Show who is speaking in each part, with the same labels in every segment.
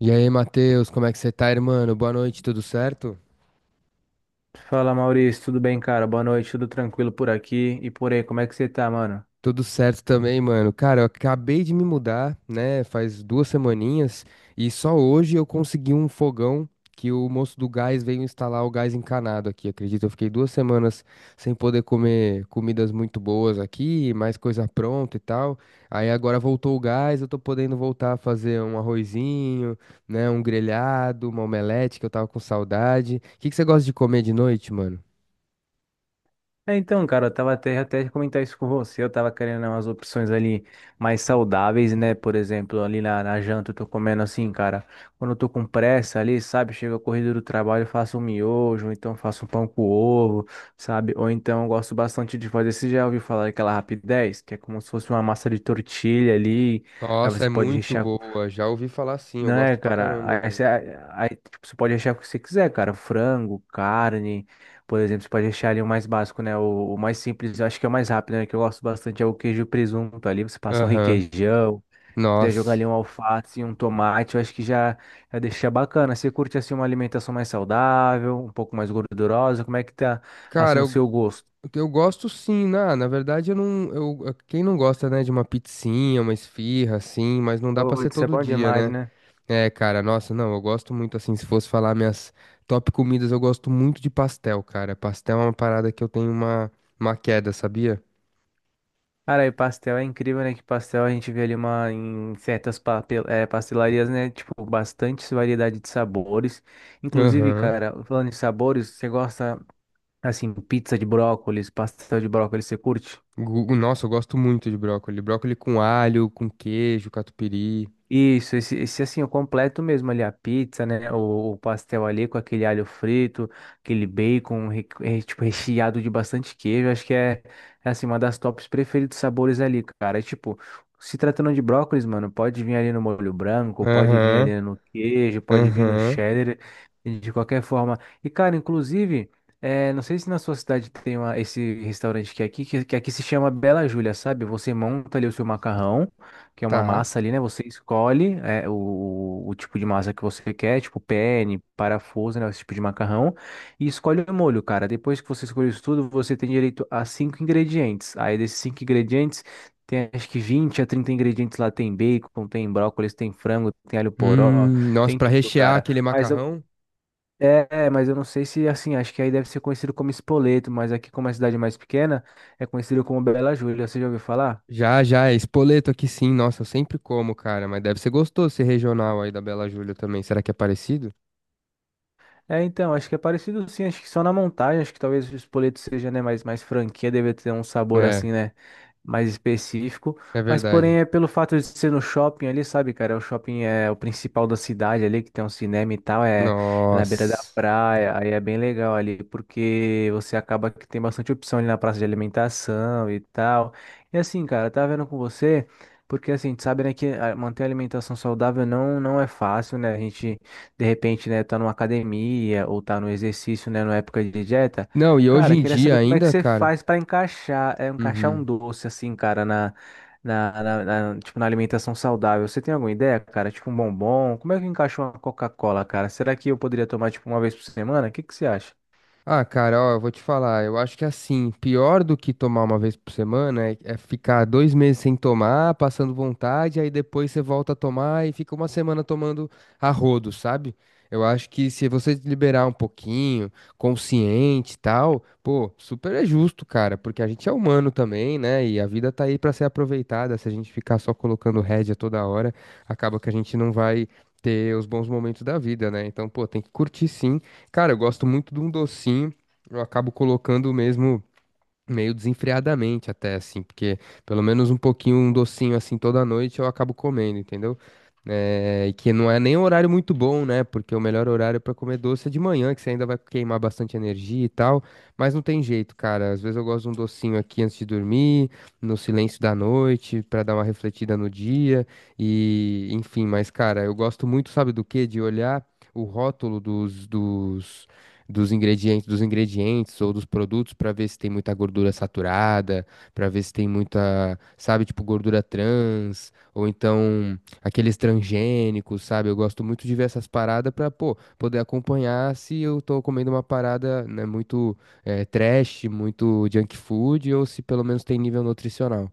Speaker 1: E aí, Matheus, como é que você tá, irmão? Boa noite, tudo certo?
Speaker 2: Fala Maurício, tudo bem, cara? Boa noite, tudo tranquilo por aqui e por aí, como é que você tá, mano?
Speaker 1: Tudo certo também, mano. Cara, eu acabei de me mudar, né? Faz duas semaninhas e só hoje eu consegui um fogão que o moço do gás veio instalar o gás encanado aqui. Acredito, eu fiquei 2 semanas sem poder comer comidas muito boas aqui, mais coisa pronta e tal. Aí agora voltou o gás, eu tô podendo voltar a fazer um arrozinho, né? Um grelhado, uma omelete que eu tava com saudade. O que que você gosta de comer de noite, mano?
Speaker 2: É, então, cara, eu tava até comentar isso com você, eu tava querendo né, umas opções ali mais saudáveis, né? Por exemplo, ali na janta eu tô comendo assim, cara, quando eu tô com pressa ali, sabe? Chega a corrida do trabalho, eu faço um miojo, ou então faço um pão com ovo, sabe? Ou então eu gosto bastante de fazer, você já ouviu falar daquela rapidez, que é como se fosse uma massa de tortilha ali, aí
Speaker 1: Nossa, é
Speaker 2: você pode
Speaker 1: muito
Speaker 2: rechear.
Speaker 1: boa. Já ouvi falar sim, eu
Speaker 2: Não é,
Speaker 1: gosto pra caramba,
Speaker 2: cara. Aí, você
Speaker 1: velho.
Speaker 2: aí, tipo, você pode achar o que você quiser, cara. Frango, carne, por exemplo, você pode achar ali o mais básico, né? O mais simples, eu acho que é o mais rápido, né? Que eu gosto bastante é o queijo e presunto ali. Você passa um
Speaker 1: Aham.
Speaker 2: requeijão, se quiser jogar
Speaker 1: Nossa.
Speaker 2: ali um alface e um tomate, eu acho que já deixa bacana. Você curte assim uma alimentação mais saudável, um pouco mais gordurosa? Como é que tá assim
Speaker 1: Cara,
Speaker 2: o
Speaker 1: eu,
Speaker 2: seu gosto?
Speaker 1: eu gosto sim, na verdade eu não, eu, quem não gosta, né, de uma pizzinha, uma esfirra assim, mas não dá pra ser
Speaker 2: Putz, isso é
Speaker 1: todo
Speaker 2: bom
Speaker 1: dia,
Speaker 2: demais,
Speaker 1: né?
Speaker 2: né?
Speaker 1: É, cara, nossa, não, eu gosto muito assim, se fosse falar minhas top comidas, eu gosto muito de pastel, cara. Pastel é uma parada que eu tenho uma queda, sabia?
Speaker 2: Cara, e pastel é incrível, né? Que pastel a gente vê ali uma, em certas papel, é, pastelarias, né? Tipo, bastante variedade de sabores. Inclusive,
Speaker 1: Aham.
Speaker 2: cara, falando em sabores, você gosta, assim, pizza de brócolis, pastel de brócolis, você curte?
Speaker 1: Gu- Nossa, eu gosto muito de brócoli. Brócoli com alho, com queijo, catupiry.
Speaker 2: Isso, esse assim, o completo mesmo ali, a pizza, né? O pastel ali com aquele alho frito, aquele bacon, tipo, recheado de bastante queijo. Acho que é, é assim, uma das tops preferidos sabores ali, cara. É, tipo, se tratando de brócolis, mano, pode vir ali no molho branco, pode vir
Speaker 1: Aham.
Speaker 2: ali no queijo, pode vir no
Speaker 1: Aham,
Speaker 2: cheddar, e de qualquer forma. E, cara, inclusive, é, não sei se na sua cidade tem uma, esse restaurante que é aqui, que aqui se chama Bela Júlia, sabe? Você monta ali o seu macarrão que é uma
Speaker 1: tá.
Speaker 2: massa ali, né? Você escolhe é, o tipo de massa que você quer, tipo penne, parafuso, né? Esse tipo de macarrão, e escolhe o molho, cara. Depois que você escolhe isso tudo, você tem direito a 5 ingredientes. Aí desses 5 ingredientes, tem acho que 20 a 30 ingredientes lá. Tem bacon, tem brócolis, tem frango, tem alho poró,
Speaker 1: Nossa,
Speaker 2: tem
Speaker 1: pra
Speaker 2: tudo,
Speaker 1: rechear
Speaker 2: cara.
Speaker 1: aquele
Speaker 2: Mas eu,
Speaker 1: macarrão?
Speaker 2: mas eu não sei se, assim, acho que aí deve ser conhecido como espoleto, mas aqui como é uma cidade mais pequena, é conhecido como Bela Júlia. Você já ouviu falar?
Speaker 1: Já, já, é espoleto aqui sim. Nossa, eu sempre como, cara, mas deve ser gostoso esse regional aí da Bela Júlia também. Será que é parecido?
Speaker 2: É, então, acho que é parecido sim, acho que só na montagem, acho que talvez o espoleto seja, né, mais franquia, deve ter um sabor
Speaker 1: É,
Speaker 2: assim, né, mais específico,
Speaker 1: é,
Speaker 2: mas porém
Speaker 1: verdade.
Speaker 2: é pelo fato de ser no shopping ali, sabe, cara, o shopping é o principal da cidade ali, que tem um cinema e tal, é, é na beira da
Speaker 1: Nossa.
Speaker 2: praia, aí é bem legal ali, porque você acaba que tem bastante opção ali na praça de alimentação e tal, e assim, cara, tá vendo com você... Porque assim, a gente sabe, né, que ah, manter a alimentação saudável não é fácil, né? A gente, de repente, né, tá numa academia ou tá no exercício, né, na época de dieta.
Speaker 1: Não, e hoje
Speaker 2: Cara,
Speaker 1: em
Speaker 2: queria
Speaker 1: dia
Speaker 2: saber como é que
Speaker 1: ainda,
Speaker 2: você
Speaker 1: cara.
Speaker 2: faz para encaixar, é, encaixar um
Speaker 1: Uhum.
Speaker 2: doce assim, cara, na, na- tipo, na alimentação saudável. Você tem alguma ideia, cara? Tipo um bombom? Como é que encaixa uma Coca-Cola, cara? Será que eu poderia tomar, tipo, uma vez por semana? O que que você acha?
Speaker 1: Ah, cara, ó, eu vou te falar. Eu acho que assim, pior do que tomar uma vez por semana é ficar 2 meses sem tomar, passando vontade, aí depois você volta a tomar e fica uma semana tomando a rodo, sabe? Eu acho que se você liberar um pouquinho, consciente e tal, pô, super é justo, cara, porque a gente é humano também, né? E a vida tá aí pra ser aproveitada. Se a gente ficar só colocando rédea toda hora, acaba que a gente não vai ter os bons momentos da vida, né? Então, pô, tem que curtir sim. Cara, eu gosto muito de um docinho. Eu acabo colocando mesmo meio desenfreadamente até assim, porque pelo menos um pouquinho, um docinho assim toda noite eu acabo comendo, entendeu? É, e que não é nem um horário muito bom, né? Porque o melhor horário para comer doce é de manhã, que você ainda vai queimar bastante energia e tal. Mas não tem jeito, cara. Às vezes eu gosto de um docinho aqui antes de dormir, no silêncio da noite, para dar uma refletida no dia. E enfim, mas cara, eu gosto muito, sabe do quê? De olhar o rótulo dos ingredientes, dos ingredientes ou dos produtos para ver se tem muita gordura saturada, para ver se tem muita, sabe, tipo gordura trans, ou então aqueles transgênicos, sabe? Eu gosto muito de ver essas paradas para, pô, poder acompanhar se eu tô comendo uma parada, né, muito trash, muito junk food, ou se pelo menos tem nível nutricional.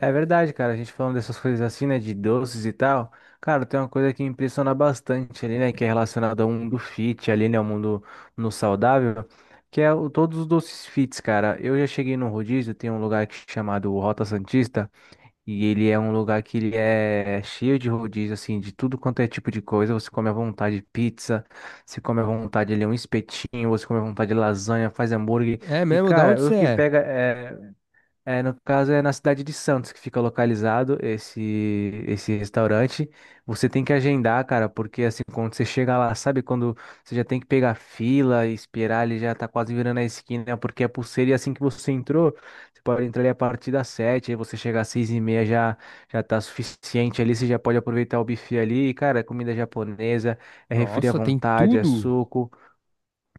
Speaker 2: É verdade, cara. A gente falando dessas coisas assim, né, de doces e tal. Cara, tem uma coisa que impressiona bastante ali, né, que é relacionada ao mundo fit ali, né, ao mundo no saudável, que é o, todos os doces fits, cara. Eu já cheguei no rodízio, tem um lugar que chamado Rota Santista, e ele é um lugar que ele é cheio de rodízio, assim, de tudo quanto é tipo de coisa. Você come à vontade pizza, você come à vontade ali um espetinho, você come à vontade lasanha, faz hambúrguer.
Speaker 1: É
Speaker 2: E,
Speaker 1: mesmo? Da onde
Speaker 2: cara, o
Speaker 1: você
Speaker 2: que
Speaker 1: é?
Speaker 2: pega é, é, no caso é na cidade de Santos que fica localizado esse restaurante. Você tem que agendar, cara, porque assim, quando você chega lá, sabe quando você já tem que pegar fila e esperar, ele já tá quase virando a esquina, porque é pulseira e assim que você entrou, você pode entrar ali a partir das 7, aí você chegar às 6 e meia já, já tá suficiente ali, você já pode aproveitar o buffet ali, e, cara, é comida japonesa, é refri à
Speaker 1: Nossa, tem
Speaker 2: vontade, é
Speaker 1: tudo?
Speaker 2: suco.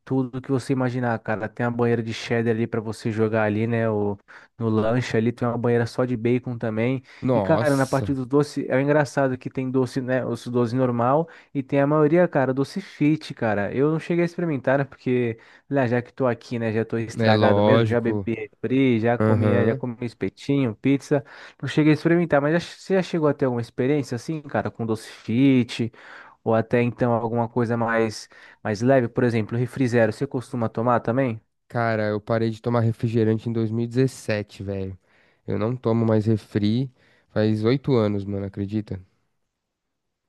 Speaker 2: Tudo que você imaginar, cara. Tem uma banheira de cheddar ali pra você jogar ali, né? O, no lanche ali tem uma banheira só de bacon também. E, cara, na parte
Speaker 1: Nossa,
Speaker 2: do doce, é engraçado que tem doce, né? Os doce normal e tem a maioria, cara, doce fit, cara. Eu não cheguei a experimentar, né? Porque, lá, já que tô aqui, né? Já tô
Speaker 1: é
Speaker 2: estragado mesmo. Já bebi
Speaker 1: lógico.
Speaker 2: refri, já comi, é, já
Speaker 1: Aham.
Speaker 2: comi espetinho, pizza. Não cheguei a experimentar, mas já- você já chegou a ter alguma experiência assim, cara, com doce fit? Ou até então alguma coisa mais leve, por exemplo, refri zero, você costuma tomar também?
Speaker 1: Cara, eu parei de tomar refrigerante em 2017, velho. Eu não tomo mais refri faz 8 anos, mano, acredita?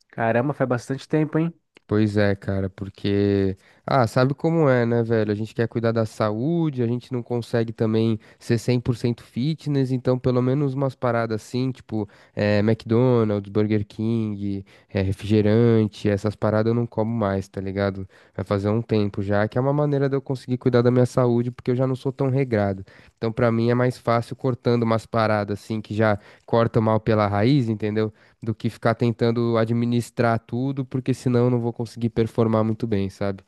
Speaker 2: Caramba, faz bastante tempo, hein?
Speaker 1: Pois é, cara, porque. Ah, sabe como é, né, velho? A gente quer cuidar da saúde, a gente não consegue também ser 100% fitness, então pelo menos umas paradas assim, tipo McDonald's, Burger King, refrigerante, essas paradas eu não como mais, tá ligado? Vai fazer um tempo já, que é uma maneira de eu conseguir cuidar da minha saúde, porque eu já não sou tão regrado. Então pra mim é mais fácil cortando umas paradas assim, que já corta o mal pela raiz, entendeu? Do que ficar tentando administrar tudo, porque senão eu não vou conseguir performar muito bem, sabe?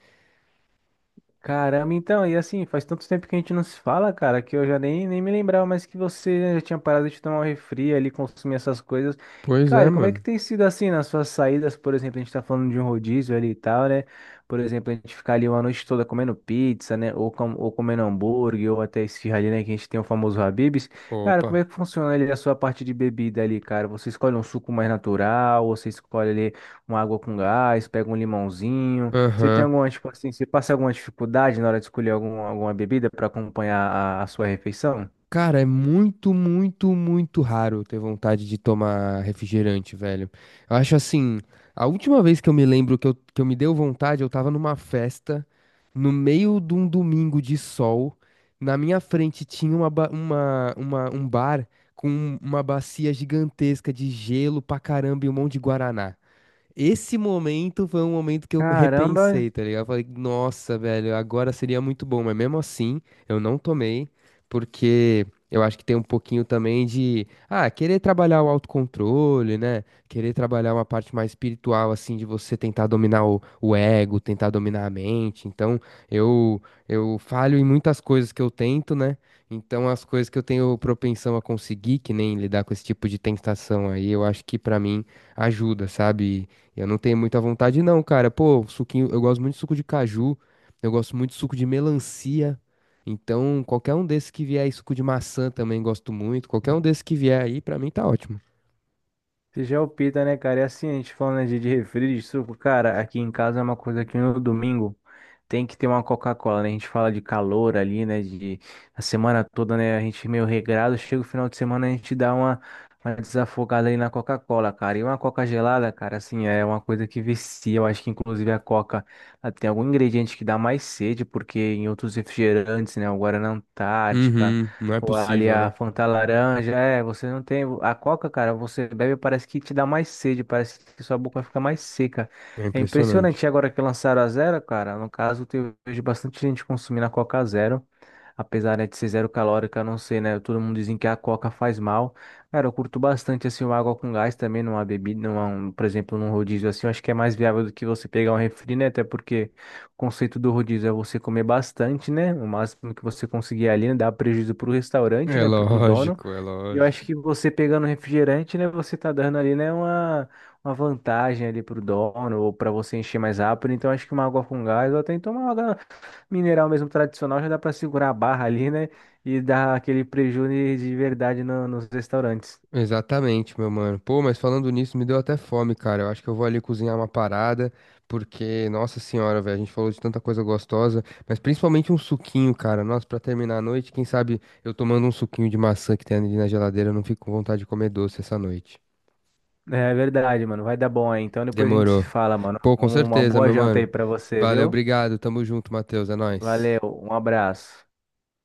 Speaker 2: Caramba, então, e assim, faz tanto tempo que a gente não se fala, cara, que eu já nem me lembrava mais que você né, já tinha parado de tomar um refri ali, consumir essas coisas.
Speaker 1: Pois é,
Speaker 2: Cara, como é que
Speaker 1: mano.
Speaker 2: tem sido assim nas suas saídas, por exemplo, a gente tá falando de um rodízio ali e tal, né? Por exemplo, a gente ficar ali uma noite toda comendo pizza, né? Ou comendo hambúrguer, ou até esfirra ali, né? Que a gente tem o famoso Habib's. Cara, como
Speaker 1: Opa.
Speaker 2: é que funciona ali a sua parte de bebida ali, cara? Você escolhe um suco mais natural, ou você escolhe ali uma água com gás, pega um limãozinho. Você tem
Speaker 1: Aham.
Speaker 2: alguma, tipo assim, você passa alguma dificuldade na hora de escolher algum, alguma bebida para acompanhar a sua refeição?
Speaker 1: Cara, é muito, muito, muito raro ter vontade de tomar refrigerante, velho. Eu acho assim, a última vez que eu me lembro que eu me deu vontade, eu tava numa festa, no meio de um domingo de sol, na minha frente tinha uma, ba- uma- um bar com uma bacia gigantesca de gelo pra caramba e um monte de guaraná. Esse momento foi um momento que eu me
Speaker 2: Caramba,
Speaker 1: repensei, tá ligado? Eu falei, nossa, velho, agora seria muito bom, mas mesmo assim, eu não tomei, porque eu acho que tem um pouquinho também de querer trabalhar o autocontrole, né? Querer trabalhar uma parte mais espiritual, assim, de você tentar dominar o ego, tentar dominar a mente. Então, eu, eu falho em muitas coisas que eu tento, né? Então, as coisas que eu tenho propensão a conseguir, que nem lidar com esse tipo de tentação aí, eu acho que pra mim ajuda, sabe? Eu não tenho muita vontade, não, cara. Pô, suquinho, eu gosto muito de suco de caju, eu gosto muito de suco de melancia. Então, qualquer um desses que vier aí, suco de maçã também gosto muito. Qualquer um desses que vier aí, pra mim tá ótimo.
Speaker 2: você já é o pita, né, cara? E assim, a gente falando né, de refri, de suco, cara, aqui em casa é uma coisa que no domingo tem que ter uma Coca-Cola, né? A gente fala de calor ali, né? De a semana toda, né? A gente meio regrado, chega o final de semana, a gente dá uma desafogada ali na Coca-Cola, cara. E uma Coca gelada, cara, assim, é uma coisa que vicia. Eu acho que inclusive a Coca ela tem algum ingrediente que dá mais sede, porque em outros refrigerantes, né? O Guaraná Antártica.
Speaker 1: Uhum, não é
Speaker 2: Ou ali
Speaker 1: possível,
Speaker 2: a
Speaker 1: né?
Speaker 2: Fanta laranja, é, você não tem. A Coca, cara, você bebe, parece que te dá mais sede, parece que sua boca fica mais seca.
Speaker 1: É
Speaker 2: É impressionante. E
Speaker 1: impressionante.
Speaker 2: agora que lançaram a zero, cara, no caso, eu vejo bastante gente consumindo a Coca zero. Apesar, né, de ser zero calórica, eu não sei, né? Todo mundo dizem que a Coca faz mal. Cara, eu curto bastante, assim, uma água com gás também, numa bebida, numa, um, por exemplo, num rodízio assim, eu acho que é mais viável do que você pegar um refri, né? Até porque. O conceito do rodízio é você comer bastante, né? O máximo que você conseguir ali, né? Dá prejuízo pro restaurante,
Speaker 1: É
Speaker 2: né? Pro dono.
Speaker 1: lógico, é
Speaker 2: E eu acho
Speaker 1: lógico.
Speaker 2: que você pegando refrigerante, né? Você tá dando ali, né? Uma vantagem ali pro dono ou para você encher mais rápido. Então acho que uma água com gás ou até então uma água mineral mesmo tradicional já dá para segurar a barra ali, né? E dar aquele prejuízo de verdade nos restaurantes.
Speaker 1: Exatamente, meu mano. Pô, mas falando nisso, me deu até fome, cara. Eu acho que eu vou ali cozinhar uma parada, porque, nossa senhora, velho, a gente falou de tanta coisa gostosa, mas principalmente um suquinho, cara. Nossa, pra terminar a noite, quem sabe eu tomando um suquinho de maçã que tem ali na geladeira, eu não fico com vontade de comer doce essa noite.
Speaker 2: É verdade, mano. Vai dar bom aí. Então depois a gente se
Speaker 1: Demorou.
Speaker 2: fala, mano.
Speaker 1: Pô, com
Speaker 2: Uma
Speaker 1: certeza,
Speaker 2: boa
Speaker 1: meu
Speaker 2: janta aí
Speaker 1: mano.
Speaker 2: pra você,
Speaker 1: Valeu,
Speaker 2: viu?
Speaker 1: obrigado. Tamo junto, Matheus. É nóis.
Speaker 2: Valeu, um abraço.